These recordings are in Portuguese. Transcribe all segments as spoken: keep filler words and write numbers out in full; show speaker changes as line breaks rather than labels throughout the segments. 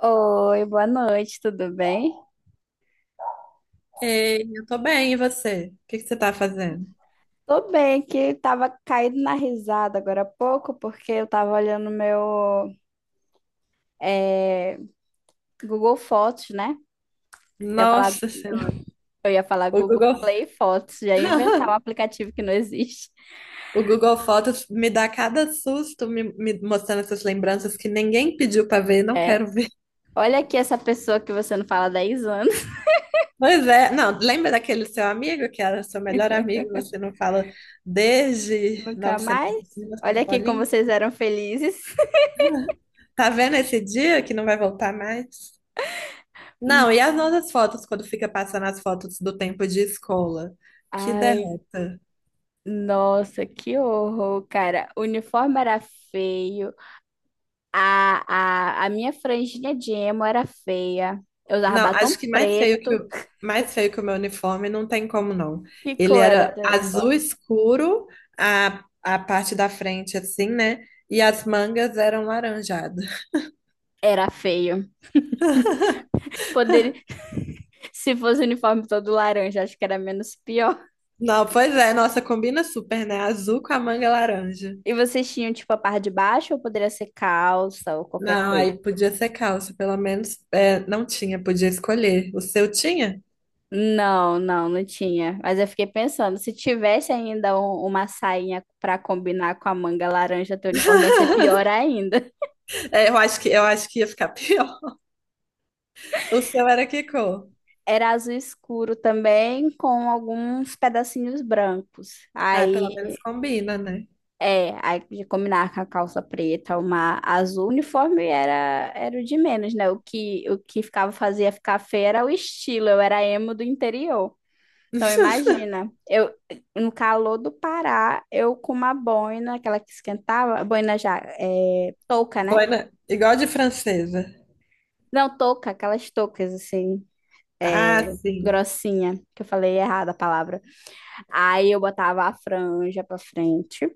Oi, boa noite, tudo bem?
Ei, eu tô bem, e você? O que que você tá fazendo?
Tô bem, que tava caindo na risada agora há pouco, porque eu tava olhando meu eh, Google Fotos, né? Eu ia falar,
Nossa Senhora,
eu ia falar
o
Google
Google,
Play Fotos, já ia inventar um aplicativo que não existe.
o Google Fotos me dá cada susto me, me mostrando essas lembranças que ninguém pediu pra ver, não
É.
quero ver.
Olha aqui essa pessoa que você não fala há dez anos,
Pois é, não, lembra daquele seu amigo que era seu melhor amigo, e você não fala desde
nunca
novecentos, e
mais. Olha
mil e novecentos
aqui como
bolinha?
vocês eram felizes.
Tá vendo esse dia que não vai voltar mais? Não,
Hum.
e as nossas fotos, quando fica passando as fotos do tempo de escola? Que
Ai,
derrota.
nossa, que horror, cara. O uniforme era feio. A, a, a minha franjinha de emo era feia. Eu usava
Não,
batom
acho que mais feio que
preto.
o, mais feio que o meu uniforme não tem como não.
Que
Ele
cor era
era
teu
azul
uniforme?
escuro, a, a parte da frente assim, né? E as mangas eram laranjadas.
Era feio. Poderia, se fosse o uniforme todo laranja, acho que era menos pior.
Não, pois é, nossa, combina super, né? Azul com a manga laranja.
E vocês tinham, tipo, a parte de baixo ou poderia ser calça ou qualquer
Não,
coisa?
aí podia ser calça, pelo menos é, não tinha, podia escolher. O seu tinha?
Não, não, não tinha. Mas eu fiquei pensando, se tivesse ainda um- uma sainha para combinar com a manga laranja, teu uniforme ia ser pior ainda.
É, eu acho que eu acho que ia ficar pior. O seu era que cor?
Era azul escuro também, com alguns pedacinhos brancos.
Ah, pelo
Aí.
menos combina, né?
É, aí de combinar com a calça preta, uma azul, o uniforme era, era o de menos, né? O que, o que ficava, fazia ficar feio era o estilo, eu era emo do interior. Então imagina, eu no calor do Pará, eu com uma boina, aquela que esquentava, boina já, é, touca, né?
Boina, igual de francesa.
Não, touca, aquelas toucas assim, é,
Ah, sim.
grossinha, que eu falei errada a palavra. Aí eu botava a franja pra frente,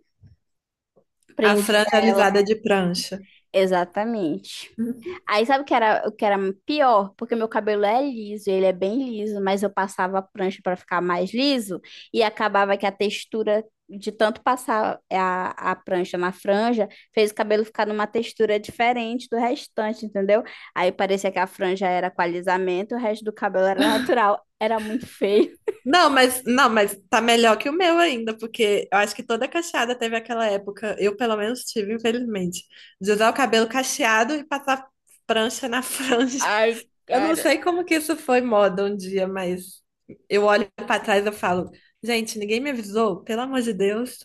A
prendia
franja
ela,
alisada de prancha.
exatamente.
Uhum.
Aí sabe o que era, o que era pior? Porque meu cabelo é liso, ele é bem liso, mas eu passava a prancha para ficar mais liso e acabava que a textura de tanto passar a, a prancha na franja fez o cabelo ficar numa textura diferente do restante, entendeu? Aí parecia que a franja era com alisamento, o resto do cabelo era natural. Era muito feio.
Não, mas não, mas tá melhor que o meu ainda, porque eu acho que toda cacheada teve aquela época. Eu pelo menos tive, infelizmente, de usar o cabelo cacheado e passar prancha na franja.
Ai,
Eu não
cara.
sei como que isso foi moda um dia, mas eu olho pra trás e eu falo, gente, ninguém me avisou, pelo amor de Deus.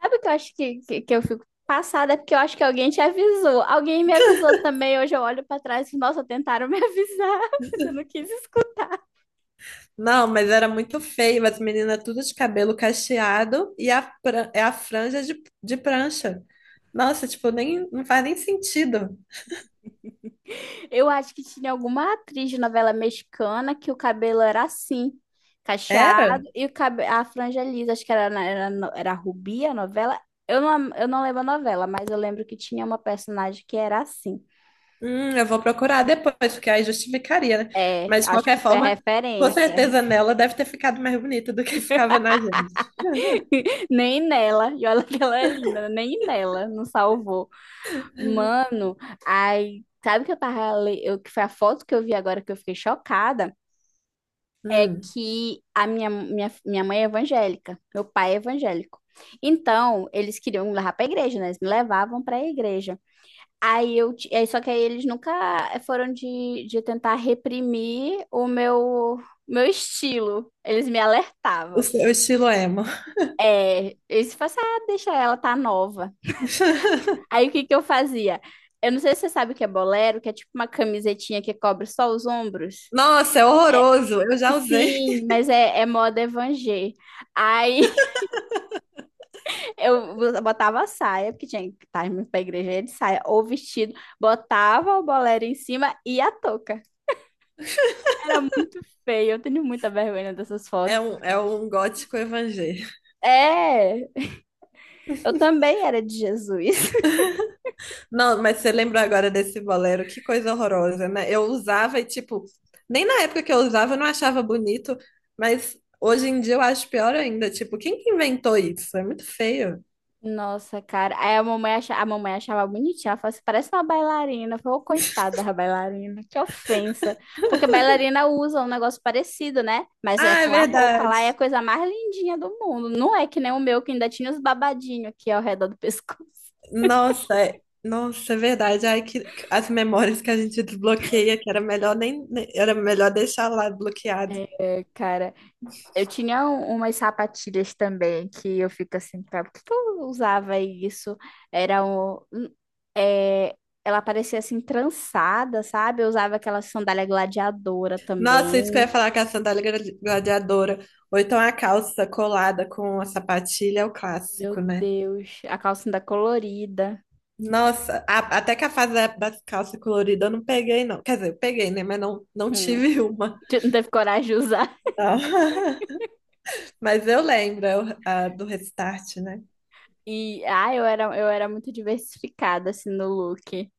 Sabe o que eu acho que, que, que eu fico passada? É porque eu acho que alguém te avisou. Alguém me avisou também. Hoje eu olho pra trás e, nossa, tentaram me avisar, mas eu não quis escutar.
Não, mas era muito feio, as meninas tudo de cabelo cacheado e a, pra- é a franja de, de prancha. Nossa, tipo, nem, não faz nem sentido.
Eu acho que tinha alguma atriz de novela mexicana que o cabelo era assim, cacheado,
Era?
e o cabe... a franja lisa. Acho que era, na- era, no- era Rubi a novela. Eu não, eu não lembro a novela, mas eu lembro que tinha uma personagem que era assim.
Hum, eu vou procurar depois, porque aí justificaria, né?
É,
Mas de
acho
qualquer
que foi a
forma, com
referência.
certeza nela deve ter ficado mais bonita do que ficava na gente.
Nem nela. E olha que ela é linda, né? Nem nela, não salvou. Mano, aí, sabe o que eu tava, le- eu, que foi a foto que eu vi agora que eu fiquei chocada, é
Hum,
que a minha, minha, minha mãe é evangélica, meu pai é evangélico. Então, eles queriam me levar pra igreja, né? Eles me levavam pra igreja. Aí eu, ti- aí, só que aí eles nunca foram de, de tentar reprimir o meu, meu estilo. Eles me
o
alertavam.
seu estilo é emo.
É, eles falavam assim, ah, deixa ela, tá nova. Aí o que que eu fazia? Eu não sei se você sabe o que é bolero, que é tipo uma camisetinha que cobre só os ombros.
Nossa, é horroroso. Eu já usei.
Sim, mas é, é moda evangé. Aí eu botava a saia, porque tinha que estar indo pra igreja ia de saia, ou vestido, botava o bolero em cima e a touca. Era muito feio, eu tenho muita vergonha dessas
É
fotos.
um, é um gótico evangélico.
É, eu também era de Jesus.
Não, mas você lembrou agora desse bolero? Que coisa horrorosa, né? Eu usava e, tipo, nem na época que eu usava eu não achava bonito, mas hoje em dia eu acho pior ainda. Tipo, quem que inventou isso? É muito feio.
Nossa, cara. Aí a mamãe achava, a mamãe achava bonitinha. Ela falou assim, parece uma bailarina. Eu falei, ô, coitada da bailarina, que ofensa. Porque bailarina usa um negócio parecido, né? Mas é
Ah, é
com a roupa lá, é a
verdade.
coisa mais lindinha do mundo. Não é que nem o meu, que ainda tinha os babadinhos aqui ao redor do pescoço.
Nossa, é... Nossa, é verdade. Ai, que... que- As memórias que a gente desbloqueia, que era melhor nem... nem- era melhor deixar lá bloqueado.
É, cara. Eu tinha um- umas sapatilhas também que eu fico assim, cara, por que que eu usava isso? Era um. Um- é, Ela parecia assim, trançada, sabe? Eu usava aquela sandália gladiadora
Nossa, isso que eu ia
também.
falar com a sandália gra- gladiadora. Ou então a calça colada com a sapatilha é o
Meu
clássico, né?
Deus, a calcinha colorida.
Nossa, a- até que a fase da- das calças coloridas eu não peguei, não. Quer dizer, eu peguei, né? Mas não, não
Hum,
tive uma.
não teve coragem de usar.
Tá. Mas eu lembro eu- a do Restart, né?
E, ah, eu era, eu era muito diversificada, assim, no look.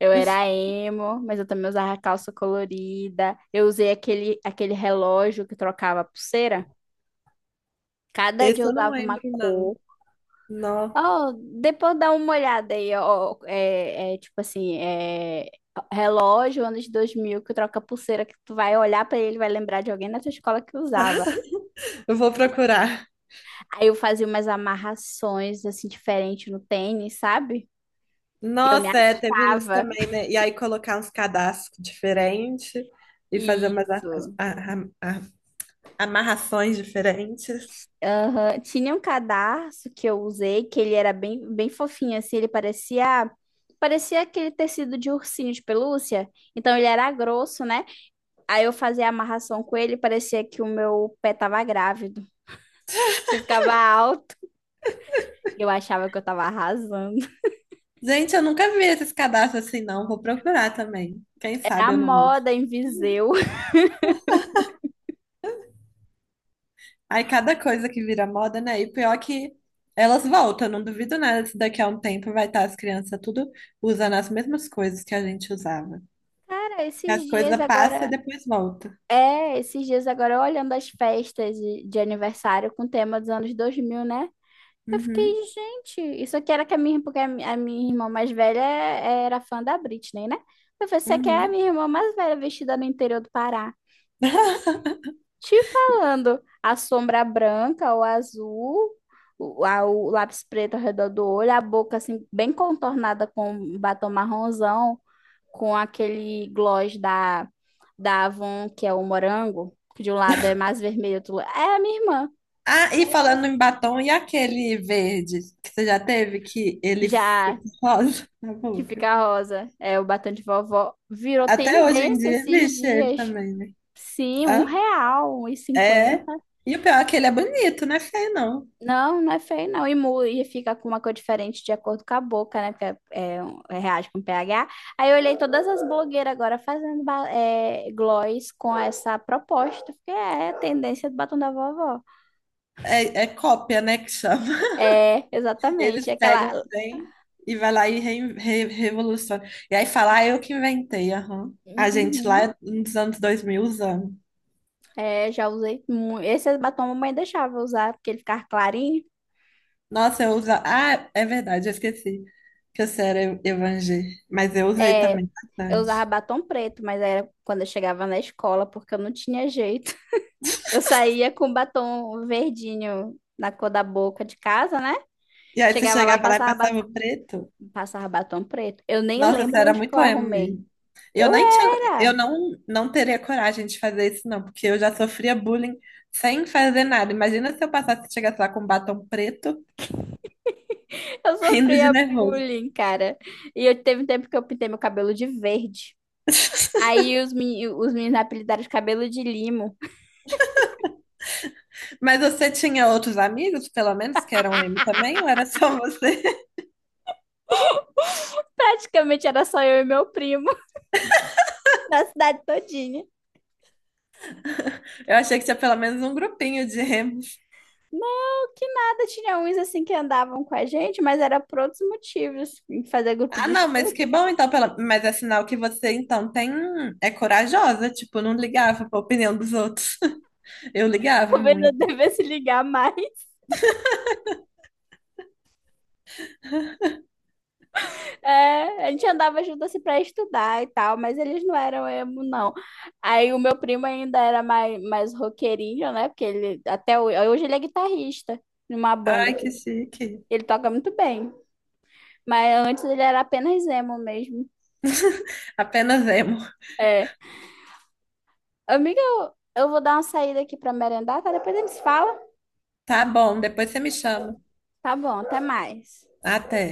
Eu era emo, mas eu também usava calça colorida. Eu usei aquele, aquele relógio que trocava a pulseira. Cada dia
Esse
eu
eu não
usava uma
lembro, não.
cor.
Não.
Ó, depois dá uma olhada aí, ó. É, é tipo assim, é relógio, anos dois mil que troca pulseira, que tu vai olhar pra ele, vai lembrar de alguém na tua escola que usava.
Eu vou procurar.
Aí eu fazia umas amarrações, assim, diferentes no tênis, sabe? Eu me
Nossa, é, teve isso
achava.
também, né? E aí colocar uns cadastros diferentes e fazer umas a-
Isso.
a- a- a- amarrações diferentes.
Aham. Tinha um cadarço que eu usei, que ele era bem, bem fofinho, assim, ele parecia... Parecia aquele tecido de ursinho de pelúcia. Então ele era grosso, né? Aí eu fazia a amarração com ele, parecia que o meu pé tava grávido. Eu ficava alto. Eu achava que eu tava arrasando.
Gente, eu nunca vi esses cadastros assim, não. Vou procurar também. Quem
Era a
sabe eu não uso.
moda em Viseu.
Aí cada coisa que vira moda, né? E pior é que elas voltam, não duvido nada se daqui a um tempo vai estar as crianças tudo usando as mesmas coisas que a gente usava.
Cara, esses
As
dias
coisas passam e
agora.
depois volta.
É, esses dias agora eu olhando as festas de, de aniversário com tema dos anos dois mil, né? Eu
Uhum,
fiquei, gente, isso aqui era que a minha, porque a mi- a minha irmã mais velha é, era fã da Britney, né? Eu falei, isso aqui é a
uhum.
minha irmã mais velha vestida no interior do Pará. Te falando, a sombra branca ou azul, o, a- o lápis preto ao redor do olho, a boca assim bem contornada com um batom marronzão, com aquele gloss da, da Avon, que é o morango, que de um lado é mais vermelho, do outro la- é a minha irmã.
Ah, e falando em batom, e aquele verde que você já teve, que ele fica
Já
rosa na
que
boca?
fica rosa, é o batom de vovó, virou
Até hoje em
tendência
dia
esses
existe ele
dias.
também, né?
Sim, um
Hã?
real, um e
É.
cinquenta
E o pior é que ele é bonito, não é feio, não.
Não, não é feio, não. E, mu- e fica com uma cor diferente de acordo com a boca, né? Porque é, é, um- é, reage com pH. Aí eu olhei todas as blogueiras agora fazendo ba- é, gloss com essa proposta, porque é a tendência do batom da vovó.
É, é cópia, né, que chama.
É, exatamente.
Eles pegam
Aquela.
o trem e vai lá e re, re- revoluciona. E aí fala, ah, eu que inventei, aham. A gente lá
Uhum.
é nos anos dois mil usando.
É, já usei muito. Esse batom a mamãe deixava eu usar, porque ele ficava clarinho.
Nossa, eu uso. Ah, é verdade, eu esqueci que eu era ev- evangé. Mas eu usei
É,
também
eu usava
bastante.
batom preto, mas era quando eu chegava na escola, porque eu não tinha jeito. Eu saía com batom verdinho na cor da boca de casa, né?
E aí você
Chegava lá, eu
chegava lá e
passava, ba-
passava o preto.
passava batom preto. Eu nem
Nossa, você
lembro
era
onde que eu
muito emo
arrumei.
mesmo. Eu
Eu
nem tinha, eu
era.
não, não teria coragem de fazer isso, não, porque eu já sofria bullying sem fazer nada. Imagina se eu passasse, e chegasse lá com um batom preto,
Eu
rindo de
sofria
nervoso.
bullying, cara. E eu teve um tempo que eu pintei meu cabelo de verde. Aí os, meni- os meninos me apelidaram de cabelo de limo.
Mas você tinha outros amigos, pelo menos, que eram emo também, ou era só você?
Praticamente era só eu e meu primo na cidade todinha.
Eu achei que tinha pelo menos um grupinho de emos.
Não que nada, tinha uns assim que andavam com a gente, mas era por outros motivos. Fazer grupo
Ah,
de
não, mas que
estudo.
bom, então, pela... mas é sinal que você, então, tem... é corajosa, tipo, não ligava pra opinião dos outros. Eu ligava
Talvez eu
muito.
devesse ligar mais. É, a gente andava junto assim pra estudar e tal, mas eles não eram emo, não. Aí o meu primo ainda era mais, mais roqueirinho, né? Porque ele até hoje, hoje ele é guitarrista numa banda
Ai,
aqui.
que chique.
Ele toca muito bem. Mas antes ele era apenas emo mesmo.
Apenas emo.
É. Amiga, eu, eu vou dar uma saída aqui pra merendar, tá? Depois a gente se fala.
Tá bom, depois você me chama.
Tá bom, até mais.
Até.